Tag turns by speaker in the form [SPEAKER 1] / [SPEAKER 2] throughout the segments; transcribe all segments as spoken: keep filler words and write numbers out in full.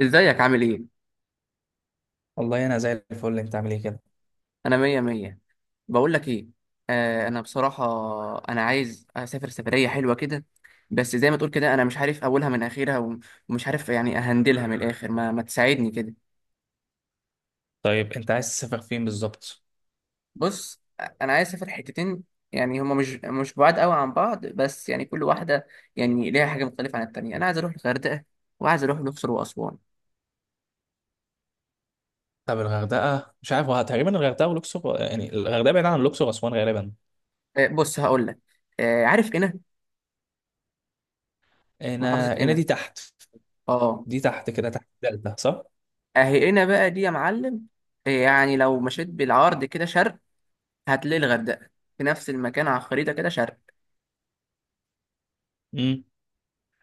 [SPEAKER 1] ازيك عامل ايه؟
[SPEAKER 2] والله انا زي الفل، انت عامل ايه كده؟
[SPEAKER 1] انا مية مية. بقول لك ايه. آه انا بصراحة، انا عايز اسافر سفرية حلوة كده. بس زي ما تقول كده، انا مش عارف اولها من اخرها وم- ومش عارف، يعني اهندلها من الاخر، ما, ما تساعدني كده.
[SPEAKER 2] طيب انت عايز تسافر فين بالظبط؟
[SPEAKER 1] بص. انا عايز اسافر حتتين، يعني هما مش مش بعاد قوي عن بعض، بس يعني كل واحدة يعني ليها حاجة مختلفة عن التانية. انا عايز اروح الغردقة، وعايز اروح الاقصر واسوان.
[SPEAKER 2] طب الغردقه مش عارف، هو تقريبا الغردقه والاقصر، يعني الغردقه بعيده عن الاقصر واسوان غالبا.
[SPEAKER 1] آه بص، هقول لك. آه عارف قنا؟ محافظة
[SPEAKER 2] هنا هنا
[SPEAKER 1] قنا.
[SPEAKER 2] دي تحت.
[SPEAKER 1] اه.
[SPEAKER 2] دي تحت كده تحت الدلتا صح؟
[SPEAKER 1] اهي هنا بقى دي يا معلم. إيه، يعني لو مشيت بالعرض كده شرق، هتلاقي الغردقه في نفس المكان على الخريطه، كده شرق.
[SPEAKER 2] امم.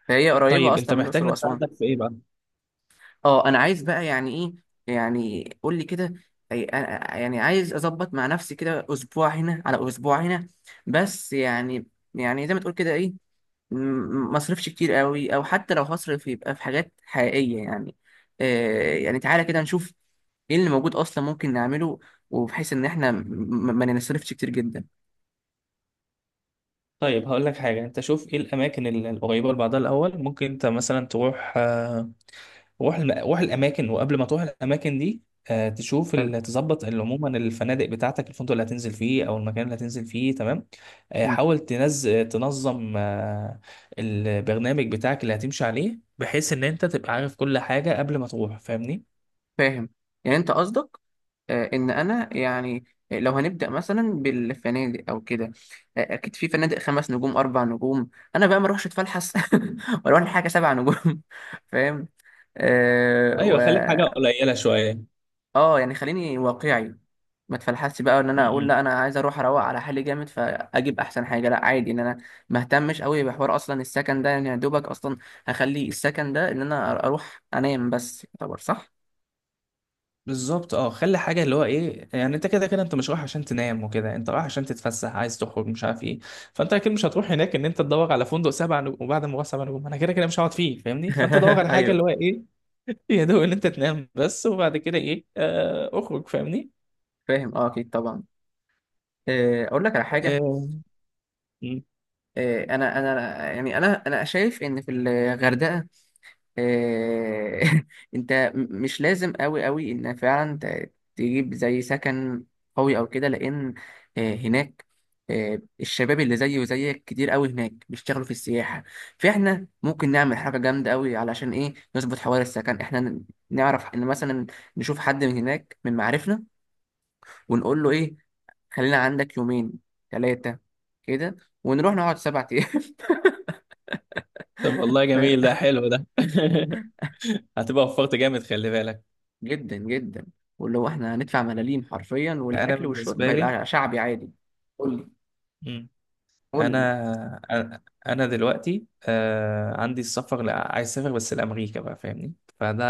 [SPEAKER 1] فهي قريبه
[SPEAKER 2] طيب انت
[SPEAKER 1] اصلا من
[SPEAKER 2] محتاج
[SPEAKER 1] الاقصر واسوان.
[SPEAKER 2] نساعدك في ايه بقى؟
[SPEAKER 1] اه، انا عايز بقى يعني ايه، يعني قول لي كده. أي- أنا- يعني عايز اظبط مع نفسي كده اسبوع هنا على اسبوع هنا، بس يعني، يعني زي ما تقول كده إيه، م- ما اصرفش كتير قوي، او حتى لو هصرف يبقى في حاجات حقيقية يعني. آه، يعني تعالى كده نشوف ايه اللي موجود اصلا ممكن نعمله، وبحيث ان احنا م- م- ما نصرفش كتير جدا.
[SPEAKER 2] طيب هقول لك حاجه، انت شوف ايه الاماكن ال- القريبه لبعضها الاول، ممكن انت مثلا تروح آه، روح الم... روح الاماكن، وقبل ما تروح الاماكن دي آه، تشوف
[SPEAKER 1] حلو.
[SPEAKER 2] ال- تظبط ال- عموما الفنادق بتاعتك، الفندق اللي هتنزل فيه او المكان اللي هتنزل فيه تمام. آه،
[SPEAKER 1] مم.
[SPEAKER 2] حاول تنز... تنظم آه، البرنامج بتاعك اللي هتمشي عليه، بحيث ان انت تبقى عارف كل حاجة قبل ما تروح فاهمني؟
[SPEAKER 1] فاهم. يعني انت قصدك، آه، ان انا يعني لو هنبدا مثلا بالفنادق او كده، آه، اكيد في فنادق خمس نجوم، اربع نجوم. انا بقى ما اروحش اتفلحس واروح لحاجه سبع نجوم فاهم. أه.
[SPEAKER 2] ايوه خليك حاجة قليلة شوية.
[SPEAKER 1] اه، يعني خليني واقعي. ما تفلحش بقى ان انا اقول
[SPEAKER 2] م-م.
[SPEAKER 1] لا، انا عايز اروح اروق على حالي جامد فاجيب احسن حاجه. لا عادي، ان انا ما اهتمش قوي بحوار اصلا السكن ده، يعني يا دوبك اصلا هخلي السكن ده ان انا اروح انام بس يعتبر صح.
[SPEAKER 2] بالظبط اه، خلي حاجه اللي هو ايه، يعني انت كده كده انت مش رايح عشان تنام وكده، انت رايح عشان تتفسح، عايز تخرج مش عارف ايه. فانت اكيد مش هتروح هناك ان انت تدور على فندق سبع نجوم، وبعد ما هو سبع نجوم انا كده كده مش هقعد فيه فاهمني؟ فانت دور على حاجه اللي هو
[SPEAKER 1] ايوه.
[SPEAKER 2] ايه، يا دوب ان انت تنام بس، وبعد كده ايه آه اخرج فاهمني؟
[SPEAKER 1] فاهم، اه، اكيد طبعا. آه، اقول لك على حاجه.
[SPEAKER 2] آه. مم.
[SPEAKER 1] آه، انا انا يعني انا انا شايف ان في الغردقه، آه، انت م- مش لازم قوي قوي ان فعلا ت- تجيب زي سكن قوي او كده، لان آه، هناك، آه، الشباب اللي زيي وزيك كتير قوي هناك بيشتغلوا في السياحة. فاحنا ممكن نعمل حاجة جامدة قوي علشان ايه، نظبط حوار السكن. احنا ن- نعرف ان مثلا نشوف حد من هناك من معارفنا، ونقول له ايه، خلينا عندك يومين، ثلاثة، كده، ونروح نقعد سبع ايام.
[SPEAKER 2] طب والله جميل ده، حلو ده هتبقى وفرت جامد خلي بالك.
[SPEAKER 1] جدا جدا، واللي هو احنا هندفع ملاليم حرفيا،
[SPEAKER 2] انا
[SPEAKER 1] والاكل والشرب
[SPEAKER 2] بالنسبه لي،
[SPEAKER 1] هيبقى شعبي عادي. قول لي، قول لي.
[SPEAKER 2] انا انا أنا دلوقتي آه عندي السفر، لا عايز اسافر بس لامريكا بقى فاهمني؟ فده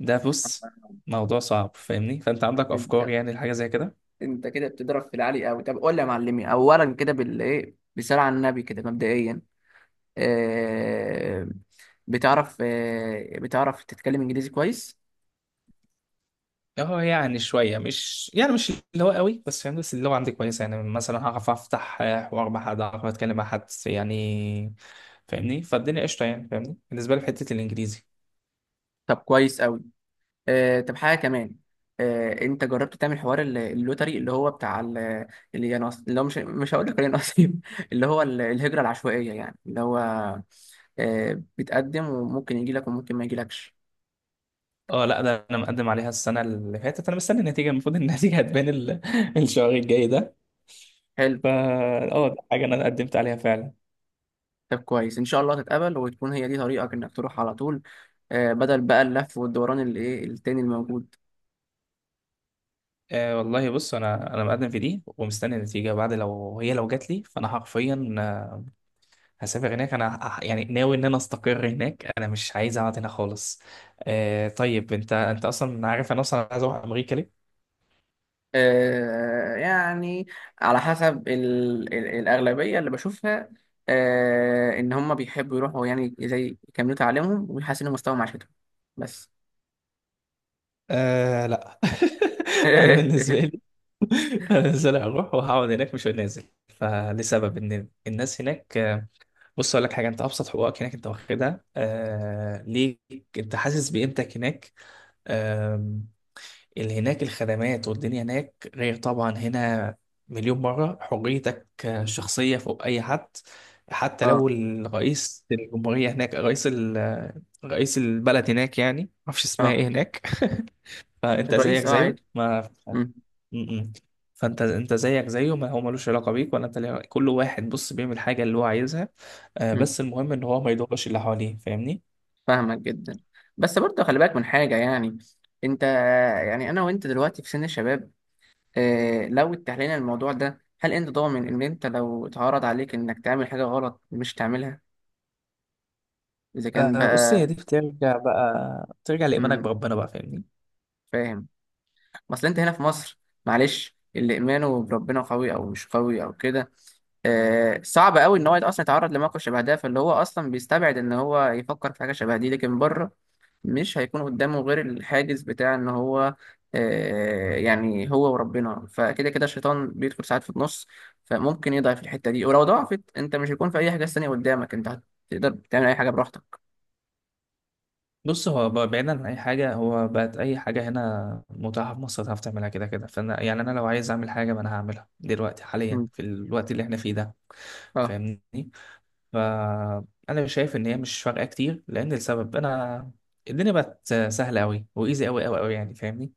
[SPEAKER 2] ده بص، موضوع صعب فاهمني، فانت عندك افكار
[SPEAKER 1] انت،
[SPEAKER 2] يعني لحاجه زي كده؟
[SPEAKER 1] انت كده بتضرب في العالي قوي. طب قول لي يا معلمي، اولا كده بال ايه، بالصلاه على النبي كده مبدئيا، آه بتعرف آه بتعرف تتكلم انجليزي كويس؟
[SPEAKER 2] اه يعني شويه، مش يعني مش اللي هو قوي بس فاهمني، بس اللي هو عندي كويسه، يعني مثلا هعرف افتح آه، حوار مع حد، هعرف اتكلم مع حد يعني فاهمني، فالدنيا قشطه يعني فاهمني، بالنسبه لي في حته الانجليزي.
[SPEAKER 1] طب كويس قوي. آه، طب حاجة كمان، آه، انت جربت تعمل حوار ال- اللوتري، اللي هو بتاع ال- اللي ينص اللي هو مش مش هقول لك نصيب اللي هو ال- الهجرة العشوائية، يعني اللي هو آه، بتقدم وممكن يجي لك وممكن ما يجيلكش.
[SPEAKER 2] اه، لا ده انا مقدم عليها السنه اللي فاتت، انا مستني النتيجه، المفروض إن النتيجه هتبان ال- الشهر الجاي ده.
[SPEAKER 1] حلو.
[SPEAKER 2] فا اه، دي حاجة أنا قدمت عليها فعلا.
[SPEAKER 1] طب كويس، ان شاء الله تتقبل وتكون هي دي طريقك انك تروح على طول، آه، بدل بقى اللف والدوران اللي ايه التاني الموجود.
[SPEAKER 2] آه والله بص، أنا أنا مقدم في دي ومستني النتيجة بعد، لو هي لو جات لي فأنا حرفيا آه، هسافر هناك، أنا ه- يعني ناوي إن أنا أستقر هناك، أنا مش عايز أقعد هنا خالص. آه طيب، أنت أنت أصلا عارف أنا أصلا عايز أروح أمريكا ليه؟
[SPEAKER 1] آه، يعني على حسب ال... ال... الأغلبية اللي بشوفها، آه، إن هم بيحبوا يروحوا يعني زي يكملوا تعليمهم ويحسنوا مستوى معيشتهم. بس
[SPEAKER 2] آه لا، أنا بالنسبة لي أنا بالنسبة لي هروح وهقعد هناك، مش نازل فلسبب إن الناس هناك آه، بص أقول لك حاجة، أنت أبسط حقوقك هناك أنت واخدها آه ليك، أنت حاسس بقيمتك هناك. آم، اللي هناك الخدمات والدنيا هناك غير طبعا هنا مليون مرة، حريتك الشخصية فوق أي حد، حتى لو
[SPEAKER 1] اه،
[SPEAKER 2] الرئيس الجمهورية هناك، رئيس ال- رئيس البلد هناك يعني معرفش اسمها
[SPEAKER 1] اه.
[SPEAKER 2] ايه هناك. فأنت
[SPEAKER 1] الرئيس،
[SPEAKER 2] زيك
[SPEAKER 1] اه،
[SPEAKER 2] زيه
[SPEAKER 1] عادي.
[SPEAKER 2] ما.
[SPEAKER 1] مم،
[SPEAKER 2] م- م. فأنت أنت زيك زيه، ما هو ملوش علاقة بيك ولا أنت ليه علاقة- كل واحد بص بيعمل حاجة اللي هو عايزها، آه،
[SPEAKER 1] مم،
[SPEAKER 2] بس المهم إن هو ما يضرش اللي حواليه فاهمني؟
[SPEAKER 1] فاهمك جدا. بس برضه خلي بالك من حاجة يعني. انت، يعني انا وانت دلوقتي في سن الشباب، آه، لو اتحلينا الموضوع ده، هل انت ضامن ان انت لو اتعرض عليك انك تعمل حاجة غلط، مش تعملها؟ اذا كان
[SPEAKER 2] آه بص هي
[SPEAKER 1] بقى،
[SPEAKER 2] دي بترجع بقى ترجع لإيمانك
[SPEAKER 1] مم،
[SPEAKER 2] بربنا بقى فاهمني.
[SPEAKER 1] فاهم. اصل انت هنا في مصر، معلش، اللي ايمانه بربنا قوي او مش قوي او كده، آه صعب قوي ان هو اصلا يتعرض لموقف شبه ده، فاللي هو اصلا بيستبعد ان هو يفكر في حاجه شبه دي. لكن بره، مش هيكون قدامه غير الحاجز بتاع ان هو، آه يعني هو وربنا، فكده كده الشيطان بيدخل ساعات في النص، فممكن يضعف الحته دي، ولو ضعفت انت، مش هيكون في اي حاجه تانية قدامك، انت هتقدر تعمل اي حاجه براحتك.
[SPEAKER 2] بص هو ب- بعيدا عن اي حاجه، هو بقت اي حاجه هنا متاحه في مصر تعرف تعملها كده كده، فانا يعني انا لو عايز اعمل حاجه ما انا هعملها دلوقتي حاليا
[SPEAKER 1] مم.
[SPEAKER 2] في الوقت اللي احنا فيه ده
[SPEAKER 1] اه،
[SPEAKER 2] فاهمني. فانا شايف ان هي مش فارقه كتير، لان السبب انا الدنيا بقت سهله قوي وايزي قوي قوي قوي يعني فاهمني،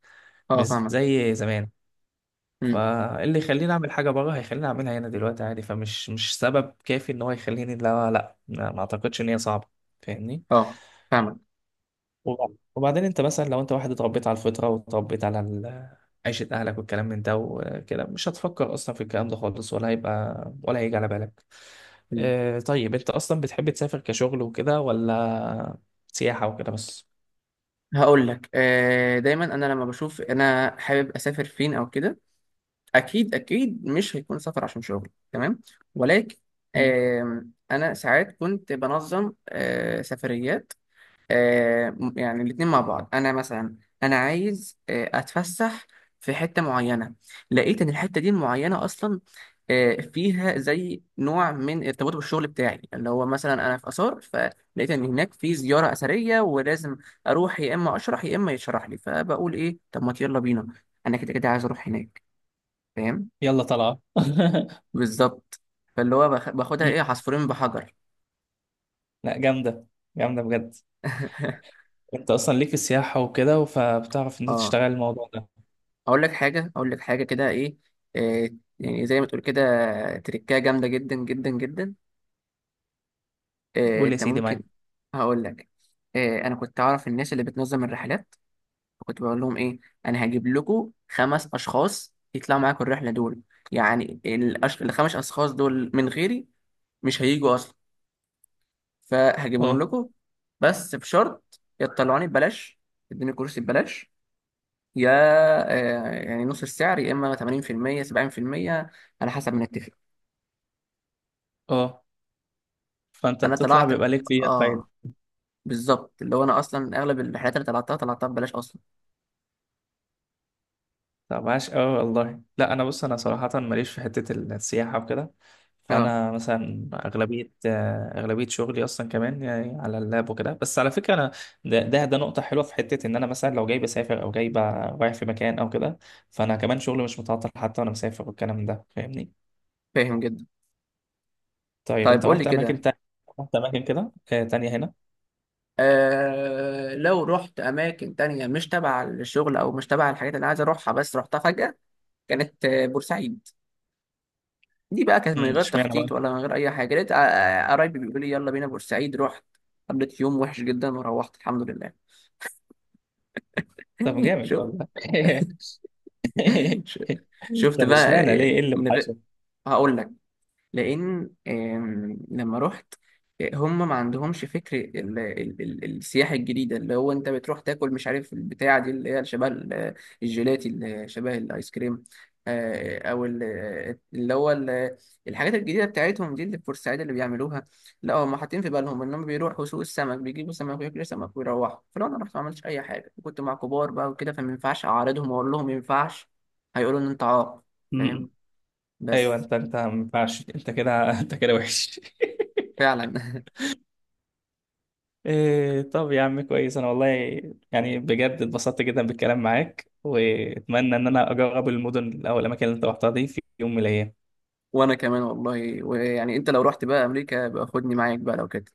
[SPEAKER 1] اه،
[SPEAKER 2] مش
[SPEAKER 1] فاهمك.
[SPEAKER 2] زي زمان.
[SPEAKER 1] مم.
[SPEAKER 2] فاللي يخليني اعمل حاجه بره هيخليني اعملها هنا دلوقتي عادي، فمش مش سبب كافي ان هو يخليني، لا لا، ما ما اعتقدش ان هي صعبه فاهمني.
[SPEAKER 1] اه، فاهمك.
[SPEAKER 2] وبعد- وبعدين انت مثلا لو انت واحد اتربيت على الفطره واتربيت على ال- عيشه اهلك والكلام من ده وكده، مش هتفكر اصلا في الكلام ده خالص، ولا هيبقى ولا هيجي على بالك. اه طيب، انت اصلا بتحب تسافر كشغل وكده ولا سياحه وكده بس؟
[SPEAKER 1] هقول لك، آه، دايما انا لما بشوف انا حابب اسافر فين او كده، اكيد اكيد مش هيكون سفر عشان شغل تمام، ولكن
[SPEAKER 2] مم.
[SPEAKER 1] آم، انا ساعات كنت بنظم آه، سفريات، آه، يعني الاتنين مع بعض. انا مثلا انا عايز آه، اتفسح في حتة معينة، لقيت ان الحتة دي المعينة اصلا آه، فيها زي نوع من ارتباط بالشغل بتاعي، اللي هو مثلا انا في اثار، فلقيت ان هناك في زيارة اثرية ولازم اروح، يا اما اشرح يا اما يشرح لي، فبقول ايه طب ما يلا بينا، انا كده كده عايز اروح هناك. فاهم؟
[SPEAKER 2] يلا طلعه
[SPEAKER 1] بالظبط. فاللي هو باخ- باخدها
[SPEAKER 2] مم.
[SPEAKER 1] ايه، عصفورين بحجر.
[SPEAKER 2] لا جامده، جامده بجد. انت اصلا ليك في السياحه وكده، فبتعرف ان انت
[SPEAKER 1] اه.
[SPEAKER 2] تشتغل الموضوع ده.
[SPEAKER 1] اقول لك حاجه اقول لك حاجه كده ايه، آه يعني زي ما تقول كده، تركايه جامده جدا جدا جدا. آه
[SPEAKER 2] قول يا
[SPEAKER 1] انت
[SPEAKER 2] سيدي
[SPEAKER 1] ممكن،
[SPEAKER 2] معاك.
[SPEAKER 1] هقول لك، آه انا كنت اعرف الناس اللي بتنظم الرحلات، كنت بقول لهم ايه، انا هجيب لكم خمس اشخاص يطلعوا معاكم الرحله دول، يعني الأش... الخمس اشخاص دول من غيري مش هيجوا اصلا، فهجيبهم
[SPEAKER 2] اه
[SPEAKER 1] لكم، بس بشرط يطلعوني ببلاش، يدوني كرسي ببلاش، يا آه، يعني نص السعر، يا اما ثمانين بالمئة سبعين بالمية، على حسب ما نتفق.
[SPEAKER 2] اه. فانت
[SPEAKER 1] انا
[SPEAKER 2] بتطلع
[SPEAKER 1] طلعت.
[SPEAKER 2] بيبقى ليك فيها فايده.
[SPEAKER 1] اه. بالظبط، اللي هو انا اصلا اغلب الرحلات اللي طلعتها طلعتها ببلاش اصلا.
[SPEAKER 2] طب عاش، اه والله. لا انا بص، انا صراحه ماليش في حته السياحه وكده.
[SPEAKER 1] اه،
[SPEAKER 2] فانا مثلا اغلبيه آه، اغلبيه شغلي اصلا كمان يعني على اللاب وكده، بس على فكره انا ده ده, ده نقطه حلوه في حته، ان انا مثلا لو جاي بسافر او جاي ب- رايح في مكان او كده، فانا كمان شغلي مش متعطل حتى وانا مسافر والكلام ده فاهمني.
[SPEAKER 1] فاهم جدا.
[SPEAKER 2] طيب
[SPEAKER 1] طيب
[SPEAKER 2] انت
[SPEAKER 1] قول لي
[SPEAKER 2] رحت اماكن
[SPEAKER 1] كده،
[SPEAKER 2] تانية؟ رحت اماكن كده آه، تانية هنا؟
[SPEAKER 1] آه لو رحت اماكن تانية مش تبع الشغل او مش تبع الحاجات اللي أنا عايز اروحها، بس رحتها فجأة، كانت آه، بورسعيد. دي بقى كانت من
[SPEAKER 2] امم
[SPEAKER 1] غير
[SPEAKER 2] اشمعنى
[SPEAKER 1] تخطيط
[SPEAKER 2] بقى؟
[SPEAKER 1] ولا من غير اي حاجه، لقيت آه، آه، قرايبي بيقولوا لي يلا بينا بورسعيد، رحت. قضيت يوم وحش جدا وروحت الحمد لله.
[SPEAKER 2] طب جامد
[SPEAKER 1] شوف،
[SPEAKER 2] والله
[SPEAKER 1] ش- شفت
[SPEAKER 2] طب
[SPEAKER 1] بقى،
[SPEAKER 2] اشمعنى ليه، ايه اللي
[SPEAKER 1] من غير، هقول لك، لان آم، لما رحت، آه، هم ما عندهمش فكر ال- ال- ال- السياحه الجديده، اللي هو انت بتروح تاكل، مش عارف البتاعه دي اللي هي شبه ال- الجيلاتي اللي شبه الايس كريم، آه، او ال- اللي هو ال- الحاجات الجديده بتاعتهم دي اللي البورسعيد اللي بيعملوها. لا، هم حاطين في بالهم انهم بيروحوا سوق السمك، بيجيبوا سمك وياكلوا سمك ويروحوا. فلو انا رحت ما عملتش اي حاجه، كنت مع كبار بقى وكده، فما ينفعش اعارضهم واقول لهم ما ينفعش، هيقولوا ان انت عاق. فاهم،
[SPEAKER 2] وحشك؟ ايوه
[SPEAKER 1] بس
[SPEAKER 2] انت انت ما ينفعش انت كده انت كده وحش
[SPEAKER 1] فعلا.
[SPEAKER 2] إيه طب يا عم، كويس. انا والله يعني بجد اتبسطت جدا بالكلام معاك، واتمنى ان انا اجرب المدن او الاماكن اللي انت رحتها دي في يوم من الايام.
[SPEAKER 1] وانا كمان والله، ويعني انت لو رحت بقى امريكا يبقى خدني معاك بقى لو كده.